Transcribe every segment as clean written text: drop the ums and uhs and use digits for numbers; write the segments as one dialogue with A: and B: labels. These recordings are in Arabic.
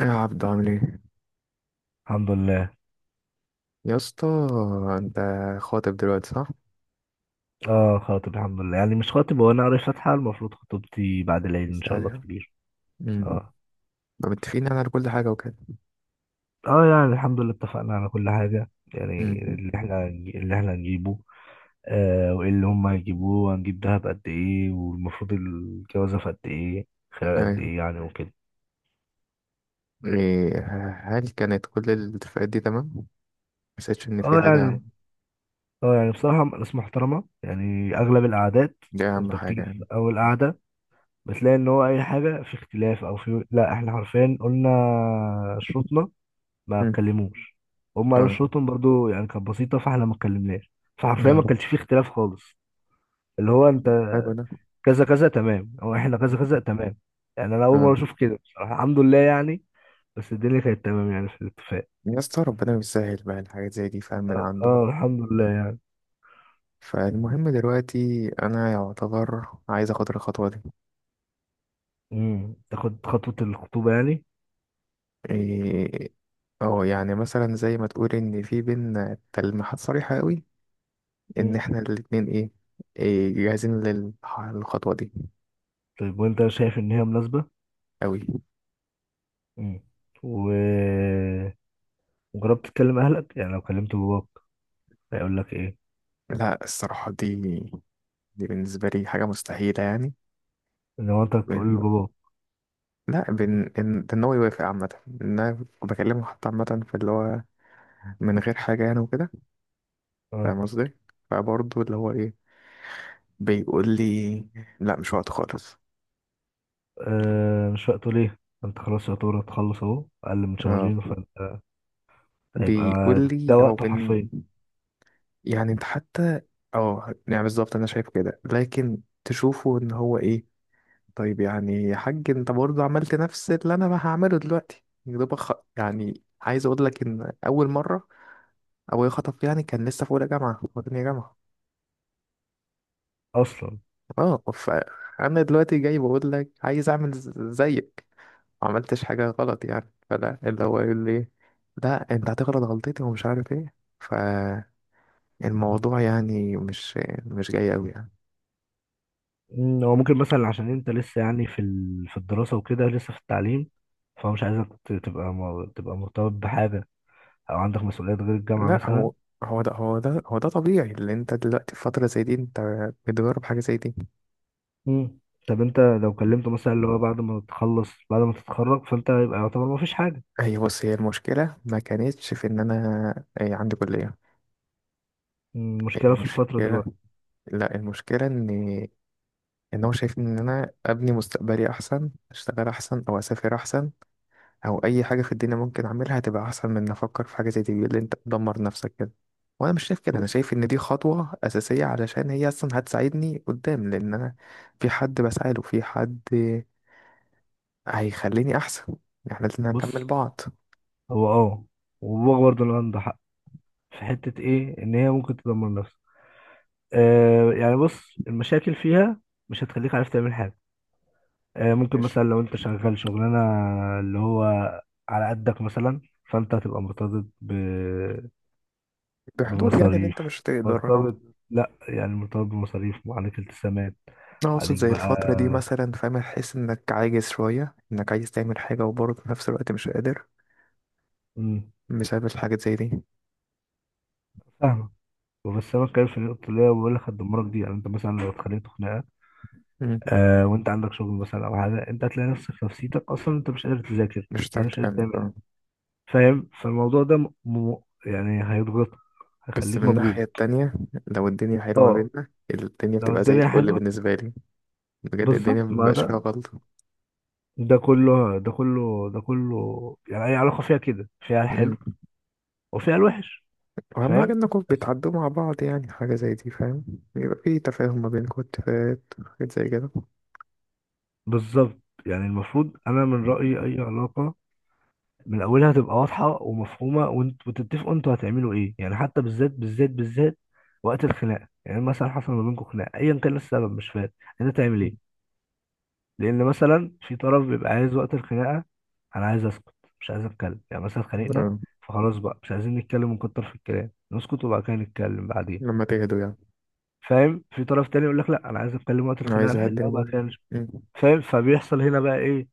A: يا عبد، عامل ايه؟
B: الحمد لله.
A: يا اسطى. انت خاطب دلوقتي، صح؟
B: اه خاطب الحمد لله، يعني مش خاطب، هو انا قاري فاتحة، المفروض خطوبتي بعد العيد ان شاء الله
A: سأل-
B: كبير.
A: امم
B: اه.
A: فمتفقين يعني على كل حاجه وكده؟
B: اه يعني الحمد لله اتفقنا على كل حاجة. يعني
A: امم
B: اللي احنا هنجيبه، وايه اللي هم هيجيبوه، وهنجيب دهب قد ايه، والمفروض الجوازة في قد ايه، خلال قد
A: ايوه.
B: ايه يعني وكده.
A: ايه؟ هل كانت كل الاتفاقات دي تمام؟ ما حسيتش ان في
B: اه
A: حاجه؟
B: يعني. اه يعني بصراحة ناس محترمة، يعني اغلب القعدات
A: دي اهم
B: انت
A: حاجه
B: بتيجي في
A: يعني.
B: اول قعدة بتلاقي ان هو اي حاجة في اختلاف او في، لا، احنا حرفيا قلنا شروطنا، ما
A: امم
B: اتكلموش. هم قالوا
A: اه،
B: شروطهم برضو، يعني كانت بسيطة، فاحنا ما اتكلمناش. فحرفيا
A: اه،
B: ما كانش فيه اختلاف خالص. اللي هو انت
A: حلو ده.
B: كذا كذا تمام، او احنا
A: مم.
B: كذا كذا تمام. يعني انا اول
A: اه.
B: مرة اشوف كده بصراحة، الحمد لله يعني. بس الدنيا كانت تمام يعني في الاتفاق.
A: يا اسطى، ربنا يسهل بقى الحاجات زي دي، فاهم، من عنده.
B: اه الحمد لله يعني.
A: فالمهم دلوقتي انا يعتبر عايز اخد الخطوه دي.
B: تاخد خطوة الخطوبة يعني.
A: إيه. اه، يعني مثلا زي ما تقول ان في بينا تلميحات صريحه قوي، ان
B: امم
A: احنا الاتنين ايه، إيه جاهزين للخطوة دي.
B: طيب وانت شايف ان هي مناسبة.
A: قوي.
B: امم و وجربت تكلم اهلك؟ يعني لو كلمت باباك هيقول لك ايه؟
A: لا، الصراحة دي، بالنسبة لي حاجة مستحيلة يعني.
B: ان هو انت تقول
A: ب-
B: لباباك.
A: لا بن ان ده ان هو يوافق عامة، ان انا بكلمه حتى عامة في اللي هو من غير حاجة يعني وكده.
B: اه
A: فاهم قصدي؟ فبرضه اللي هو ايه، بيقول لي لا، مش وقت خالص.
B: آه مش وقته ليه؟ انت خلاص يعتبر هتخلص اهو اقل من
A: اه.
B: شهرين، فانت هيبقى
A: بيقول لي
B: ده
A: هو
B: وقته
A: من،
B: حرفيا
A: يعني انت حتى، اه يعني بالظبط انا شايف كده، لكن تشوفه ان هو ايه. طيب يعني يا حاج، انت برضه عملت نفس اللي انا ما هعمله دلوقتي، يا دوبك يعني عايز اقول لك ان اول مره ابويا خطب يعني كان لسه في اولى جامعه وتانية جامعه.
B: اصلا.
A: اه، فانا دلوقتي جاي بقول لك عايز اعمل زيك. ما عملتش حاجه غلط يعني، فلا اللي هو يقول لي لا انت هتغلط غلطتي ومش عارف ايه. فالموضوع يعني مش جاي قوي يعني.
B: هو ممكن مثلا عشان انت لسه يعني في الدراسه وكده، لسه في التعليم. فهو مش عايزك تبقى تبقى مرتبط بحاجه، او عندك مسؤوليات غير الجامعه
A: لا،
B: مثلا.
A: هو هو ده طبيعي، اللي انت دلوقتي في فتره زي دي انت بتجرب حاجه زي دي.
B: مم. طب انت لو كلمته مثلا اللي هو بعد ما تخلص، بعد ما تتخرج، فانت يبقى يعتبر ما فيش حاجه.
A: أي، بص، هي المشكلة ما كانتش في إن أنا أي عندي كلية.
B: المشكله في الفتره
A: المشكلة،
B: دلوقتي.
A: لا، المشكلة إن هو شايف إن أنا أبني مستقبلي أحسن، أشتغل أحسن، أو أسافر أحسن، أو أي حاجة في الدنيا ممكن أعملها هتبقى أحسن من إن أفكر في حاجة زي دي. بيقول لي أنت بتدمر نفسك كده، وأنا مش شايف كده. أنا
B: بص
A: شايف إن دي خطوة أساسية علشان هي أصلا هتساعدني قدام، لأن أنا في حد بسعى له، في حد هيخليني أحسن. إحنا لازم
B: بص.
A: نكمل بعض.
B: هو وباباك برضه اللي عنده حق في حته ايه، ان هي ممكن تدمر نفسك. يعني بص، المشاكل فيها مش هتخليك عارف تعمل حاجة. ممكن
A: ماشي.
B: مثلا لو انت شغال شغلانة اللي هو على قدك مثلا، فانت هتبقى مرتبط
A: بحدود يعني اللي
B: بمصاريف.
A: أنت مش تقدر.
B: مرتبط، لا يعني مرتبط بمصاريف وعليك التزامات
A: أنا أقصد
B: عليك
A: زي
B: بقى.
A: الفترة دي مثلا، فاهم، تحس إنك عاجز شوية إنك عايز تعمل حاجة وبرضه في نفس الوقت مش قادر،
B: مم،
A: بسبب الحاجات زي دي.
B: فاهمة. بس انا بتكلم في النقطة اللي هي بقول لك هتدمرك دي. يعني انت مثلا لو اتخانقت خناقة،
A: مم.
B: وانت عندك شغل مثلا او حاجة، انت هتلاقي نفسك في نفسيتك اصلا انت مش قادر تذاكر.
A: مش
B: يعني
A: هتعرف
B: مش قادر
A: تكمل، اه.
B: تعمل. فاهم؟ فالموضوع ده يعني هيضغطك،
A: بس
B: هيخليك
A: من الناحية
B: مضغوط.
A: التانية، لو الدنيا حلوة ما
B: اه
A: بيننا، الدنيا
B: لو
A: بتبقى زي
B: الدنيا
A: الفل
B: حلوه،
A: بالنسبة لي. بجد الدنيا
B: بالظبط. ما
A: مبيبقاش
B: ده،
A: فيها غلطة.
B: ده كله ده كله ده كله. يعني اي علاقه فيها كده، فيها
A: مم.
B: الحلو وفيها الوحش.
A: وأهم حاجة
B: فاهم؟
A: إنكم
B: بس
A: بتعدوا مع بعض، يعني حاجة زي دي، فاهم. يبقى في تفاهم ما بينكم، اتفاقات، حاجات زي كده.
B: بالظبط. يعني المفروض انا من رايي اي علاقه من اولها تبقى واضحه ومفهومه، وانت وتتفقوا انتوا هتعملوا ايه، يعني حتى بالذات بالذات بالذات وقت الخناقه. يعني مثلا حصل ما بينكم خناقه، ايا كان إيه السبب مش فارق، انت تعمل ايه؟ لان مثلا في طرف بيبقى عايز وقت الخناقه، انا عايز اسكت، مش عايز اتكلم. يعني مثلا اتخانقنا،
A: اه،
B: فخلاص بقى مش عايزين نتكلم ونكتر في الكلام، نسكت وبعد كده نتكلم بعدين.
A: لما تهدوا يعني.
B: فاهم؟ في طرف تاني يقول لك لا، انا عايز اتكلم وقت
A: أنا
B: الخناقه،
A: عايز أهدي
B: نحلها وبعد
A: الموضوع.
B: كده
A: مم.
B: فاهم؟ فبيحصل هنا بقى ايه؟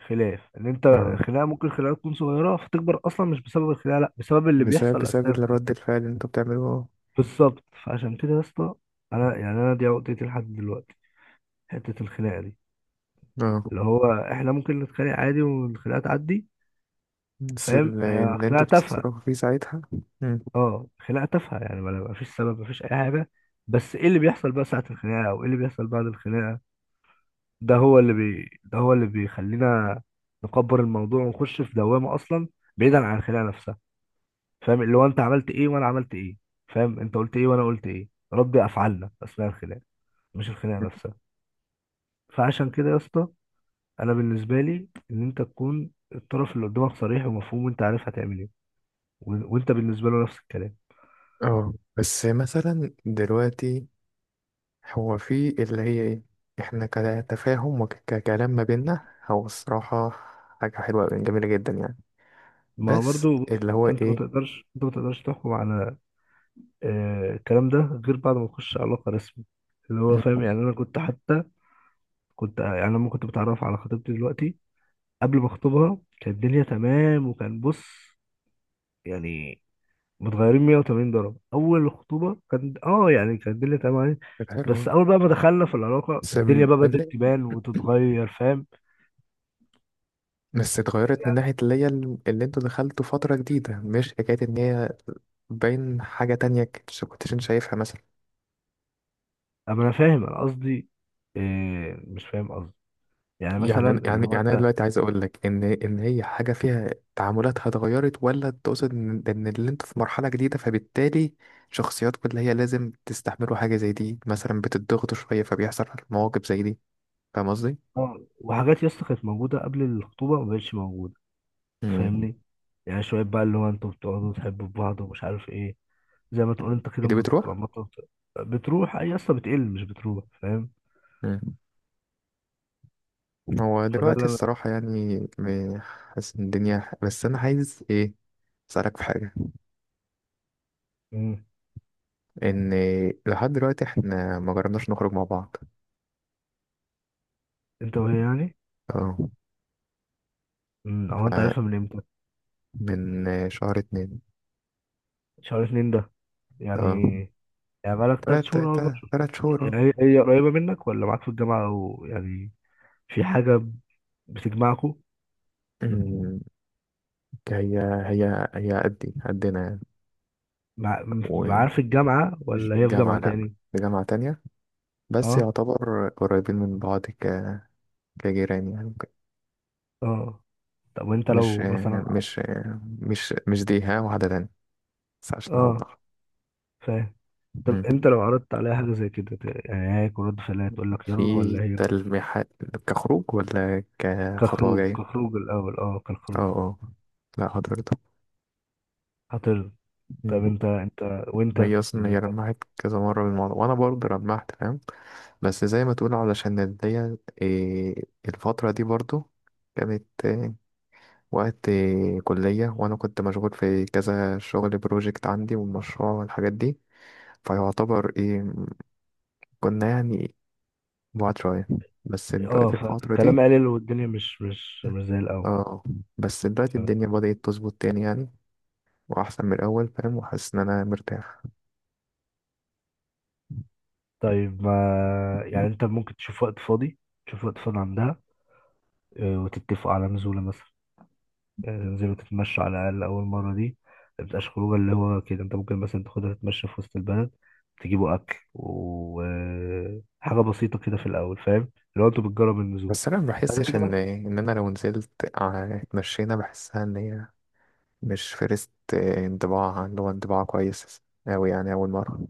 B: خلاف، ان انت
A: اه،
B: الخناقه ممكن الخناقه تكون صغيره فتكبر، اصلا مش بسبب الخناقه، لا، بسبب اللي
A: بسبب
B: بيحصل
A: بسبب
B: اثناء الخناقه.
A: الرد الفعل اللي انتوا بتعملوه.
B: بالظبط. فعشان كده يا اسطى، انا يعني انا دي عقدتي لحد دلوقتي، حته الخناقه دي،
A: اه،
B: اللي هو احنا ممكن نتخانق عادي والخناقه تعدي.
A: بس
B: فاهم؟ هي
A: اللي
B: خناقه
A: انتوا
B: تافهه،
A: بتتصرفوا فيه ساعتها. مم.
B: اه خناقه تافهه، يعني ما فيش سبب، ما فيش اي حاجه. بس ايه اللي بيحصل بقى ساعه الخناقه، او ايه اللي بيحصل بعد الخناقه؟ ده هو ده هو اللي بيخلينا نكبر الموضوع ونخش في دوامه، اصلا بعيدا عن الخناقه نفسها. فاهم؟ اللي هو انت عملت ايه وانا عملت ايه، فاهم؟ انت قلت ايه وانا قلت ايه. ربي افعالنا اثناء الخناقه، مش الخناقه نفسها. فعشان كده يا اسطى، انا بالنسبه لي ان انت تكون الطرف اللي قدامك صريح ومفهوم، وانت عارف هتعمل ايه، وانت بالنسبه له نفس الكلام.
A: اه، بس مثلا دلوقتي هو في اللي هي ايه، احنا كتفاهم وككلام ما بينا، هو الصراحة حاجة حلوة جميلة جدا يعني.
B: ما هو
A: بس
B: برضه، بص،
A: اللي هو
B: انت ما
A: ايه.
B: تقدرش، انت ما تقدرش تحكم على الكلام ده غير بعد ما تخش علاقة رسمي اللي هو. فاهم؟
A: مم.
B: يعني انا كنت حتى، كنت يعني لما كنت بتعرف على خطيبتي دلوقتي، قبل ما اخطبها كانت الدنيا تمام وكان، بص يعني، متغيرين 180 درجة. اول الخطوبة كان اه يعني كانت الدنيا تمام عليه.
A: كانت حلوة.
B: بس اول بقى ما دخلنا في العلاقة
A: بس
B: الدنيا بقى بدأت
A: اللي،
B: تبان وتتغير. فاهم؟
A: بس اتغيرت من ناحية
B: يعني.
A: اللي هي اللي انتوا دخلتوا فترة جديدة، مش حكاية ان هي باين حاجة تانية كنتش انت شايفها مثلا.
B: اما انا فاهم انا قصدي، إيه مش فاهم قصدي، يعني
A: يعني
B: مثلا اللي
A: يعني
B: هو
A: يعني انا
B: انت.
A: دلوقتي عايز اقول لك ان ان هي حاجه فيها تعاملاتها اتغيرت، ولا تقصد ان اللي انت في مرحله جديده، فبالتالي شخصياتكم اللي هي لازم تستحملوا حاجه زي دي، مثلا بتضغطوا شويه، فبيحصل مواقف زي دي. فاهم قصدي؟
B: اه وحاجات يا اسطى كانت موجودة قبل الخطوبة ما بقتش موجودة.
A: امم
B: فاهمني؟ يعني شوية بقى اللي هو انتوا بتقعدوا تحبوا في بعض ومش عارف ايه. زي ما تقول انت كده
A: هي دي بتروح.
B: بتروح. اي اصلا بتقل، مش بتروح. فاهم؟
A: امم هو
B: فده
A: دلوقتي
B: اللي انا.
A: الصراحه يعني حاسس ان الدنيا، بس انا عايز ايه، اسالك في حاجه.
B: مم.
A: ان لحد دلوقتي احنا ما جربناش نخرج مع بعض.
B: انت وهي يعني.
A: اه.
B: مم. او انت عارفها من امتى؟
A: فمن شهر اتنين.
B: شهر اتنين ده يعني.
A: اه.
B: يعني بقالك تلات
A: تلات
B: شهور او اربع
A: تلات
B: شهور.
A: تلات شهور،
B: يعني
A: اه.
B: هي هي قريبة منك ولا معاك في الجامعة، او يعني في حاجة بتجمعكوا؟
A: أمم، هي هي قدي قدنا يعني،
B: مع معاها في
A: ومش
B: الجامعة ولا
A: في
B: هي في
A: الجامعة،
B: جامعة
A: لأ.
B: تاني؟
A: في جامعة تانية، بس
B: اه.
A: يعتبر قريبين من بعض، كجيران يعني وكده.
B: اه طب وانت
A: مش
B: لو مثلا.
A: مش مش دي، ها، واحدة تانية. بس عشان
B: اه
A: أوضح.
B: فاهم. طب
A: أمم.
B: انت لو عرضت عليها حاجه زي كده يعني هي، هيكون رد فعلها تقول لك يلا
A: في
B: ولا هي؟
A: تلميحات كخروج ولا كخطوة
B: كخروج،
A: جاية؟
B: كخروج الاول، اه
A: اه،
B: كخروج.
A: اه، لا حضرتك.
B: هترضى؟ طب
A: أمم.
B: انت انت، وانت
A: هي أصلا، هي
B: بالنسبه لك.
A: لمحت كذا مرة بالموضوع، وأنا برضه لمحت، فاهم. بس زي ما تقول علشان الدي إيه، الفترة دي برضو كانت إيه وقت إيه، كلية، وأنا كنت مشغول في كذا شغل، بروجكت عندي والمشروع والحاجات دي، فيعتبر إيه كنا يعني بعاد شوية. بس
B: اه،
A: دلوقتي الفترة
B: فالكلام
A: دي،
B: قليل والدنيا مش زي الاول.
A: اه، بس دلوقتي الدنيا
B: يلا.
A: بدأت تظبط تاني يعني، وأحسن من الأول، فاهم، وحاسس إن أنا مرتاح.
B: طيب ما يعني انت ممكن تشوف وقت فاضي، تشوف وقت فاضي عندها، اه، وتتفقوا على نزوله مثلا. يعني تنزلوا تتمشوا على الأقل أول مرة دي. ما تبقاش خروجة اللي هو كده، أنت ممكن مثلا تاخدها تتمشى في وسط البلد، تجيبوا أكل وحاجة بسيطة كده في الأول. فاهم؟ لو أنتوا بتجرب النزول
A: بس أنا ما
B: بعد
A: بحسش
B: كده
A: إن
B: بقى-
A: إن أنا لو نزلت اتمشينا، بحسها إن هي مش فرست انطباع اللي هو انطباع كويس أوي يعني أول مرة.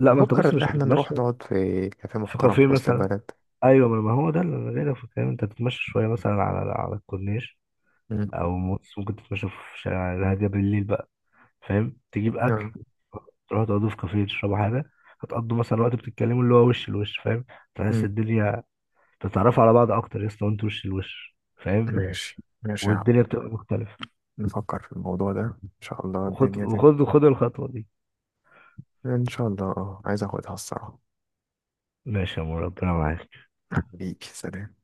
B: لا، ما أنت
A: بفكر
B: بص
A: إن
B: مش
A: احنا
B: هتتمشى
A: نروح نقعد في كافيه
B: في
A: محترم
B: كافيه
A: في وسط
B: مثلا.
A: البلد.
B: أيوة، ما ما هو ده اللي أنا جاي في الكلام، أنت هتتمشى شوية مثلا على على الكورنيش،
A: مم.
B: أو موس ممكن تتمشى في شارع الهادية بالليل بقى. فاهم؟ تجيب أكل،
A: آه.
B: تروحوا تقعدوا في كافيه تشربوا حاجة. هتقضوا مثلا وقت بتتكلموا، اللي هو وش لوش. فاهم؟ تحس
A: مم.
B: الدنيا، تتعرفوا على بعض اكتر يا اسطى، وانتوا وش لوش. فاهم؟
A: ماشي، ماشي، يا عم.
B: والدنيا بتبقى مختلفه.
A: نفكر في الموضوع ده، إن شاء الله
B: وخد
A: الدنيا
B: وخد وخد الخطوه دي.
A: إن شاء الله، اه، عايز أخدها الصراحة.
B: ماشي يا عمو، ربنا معاك.
A: بيك سلام.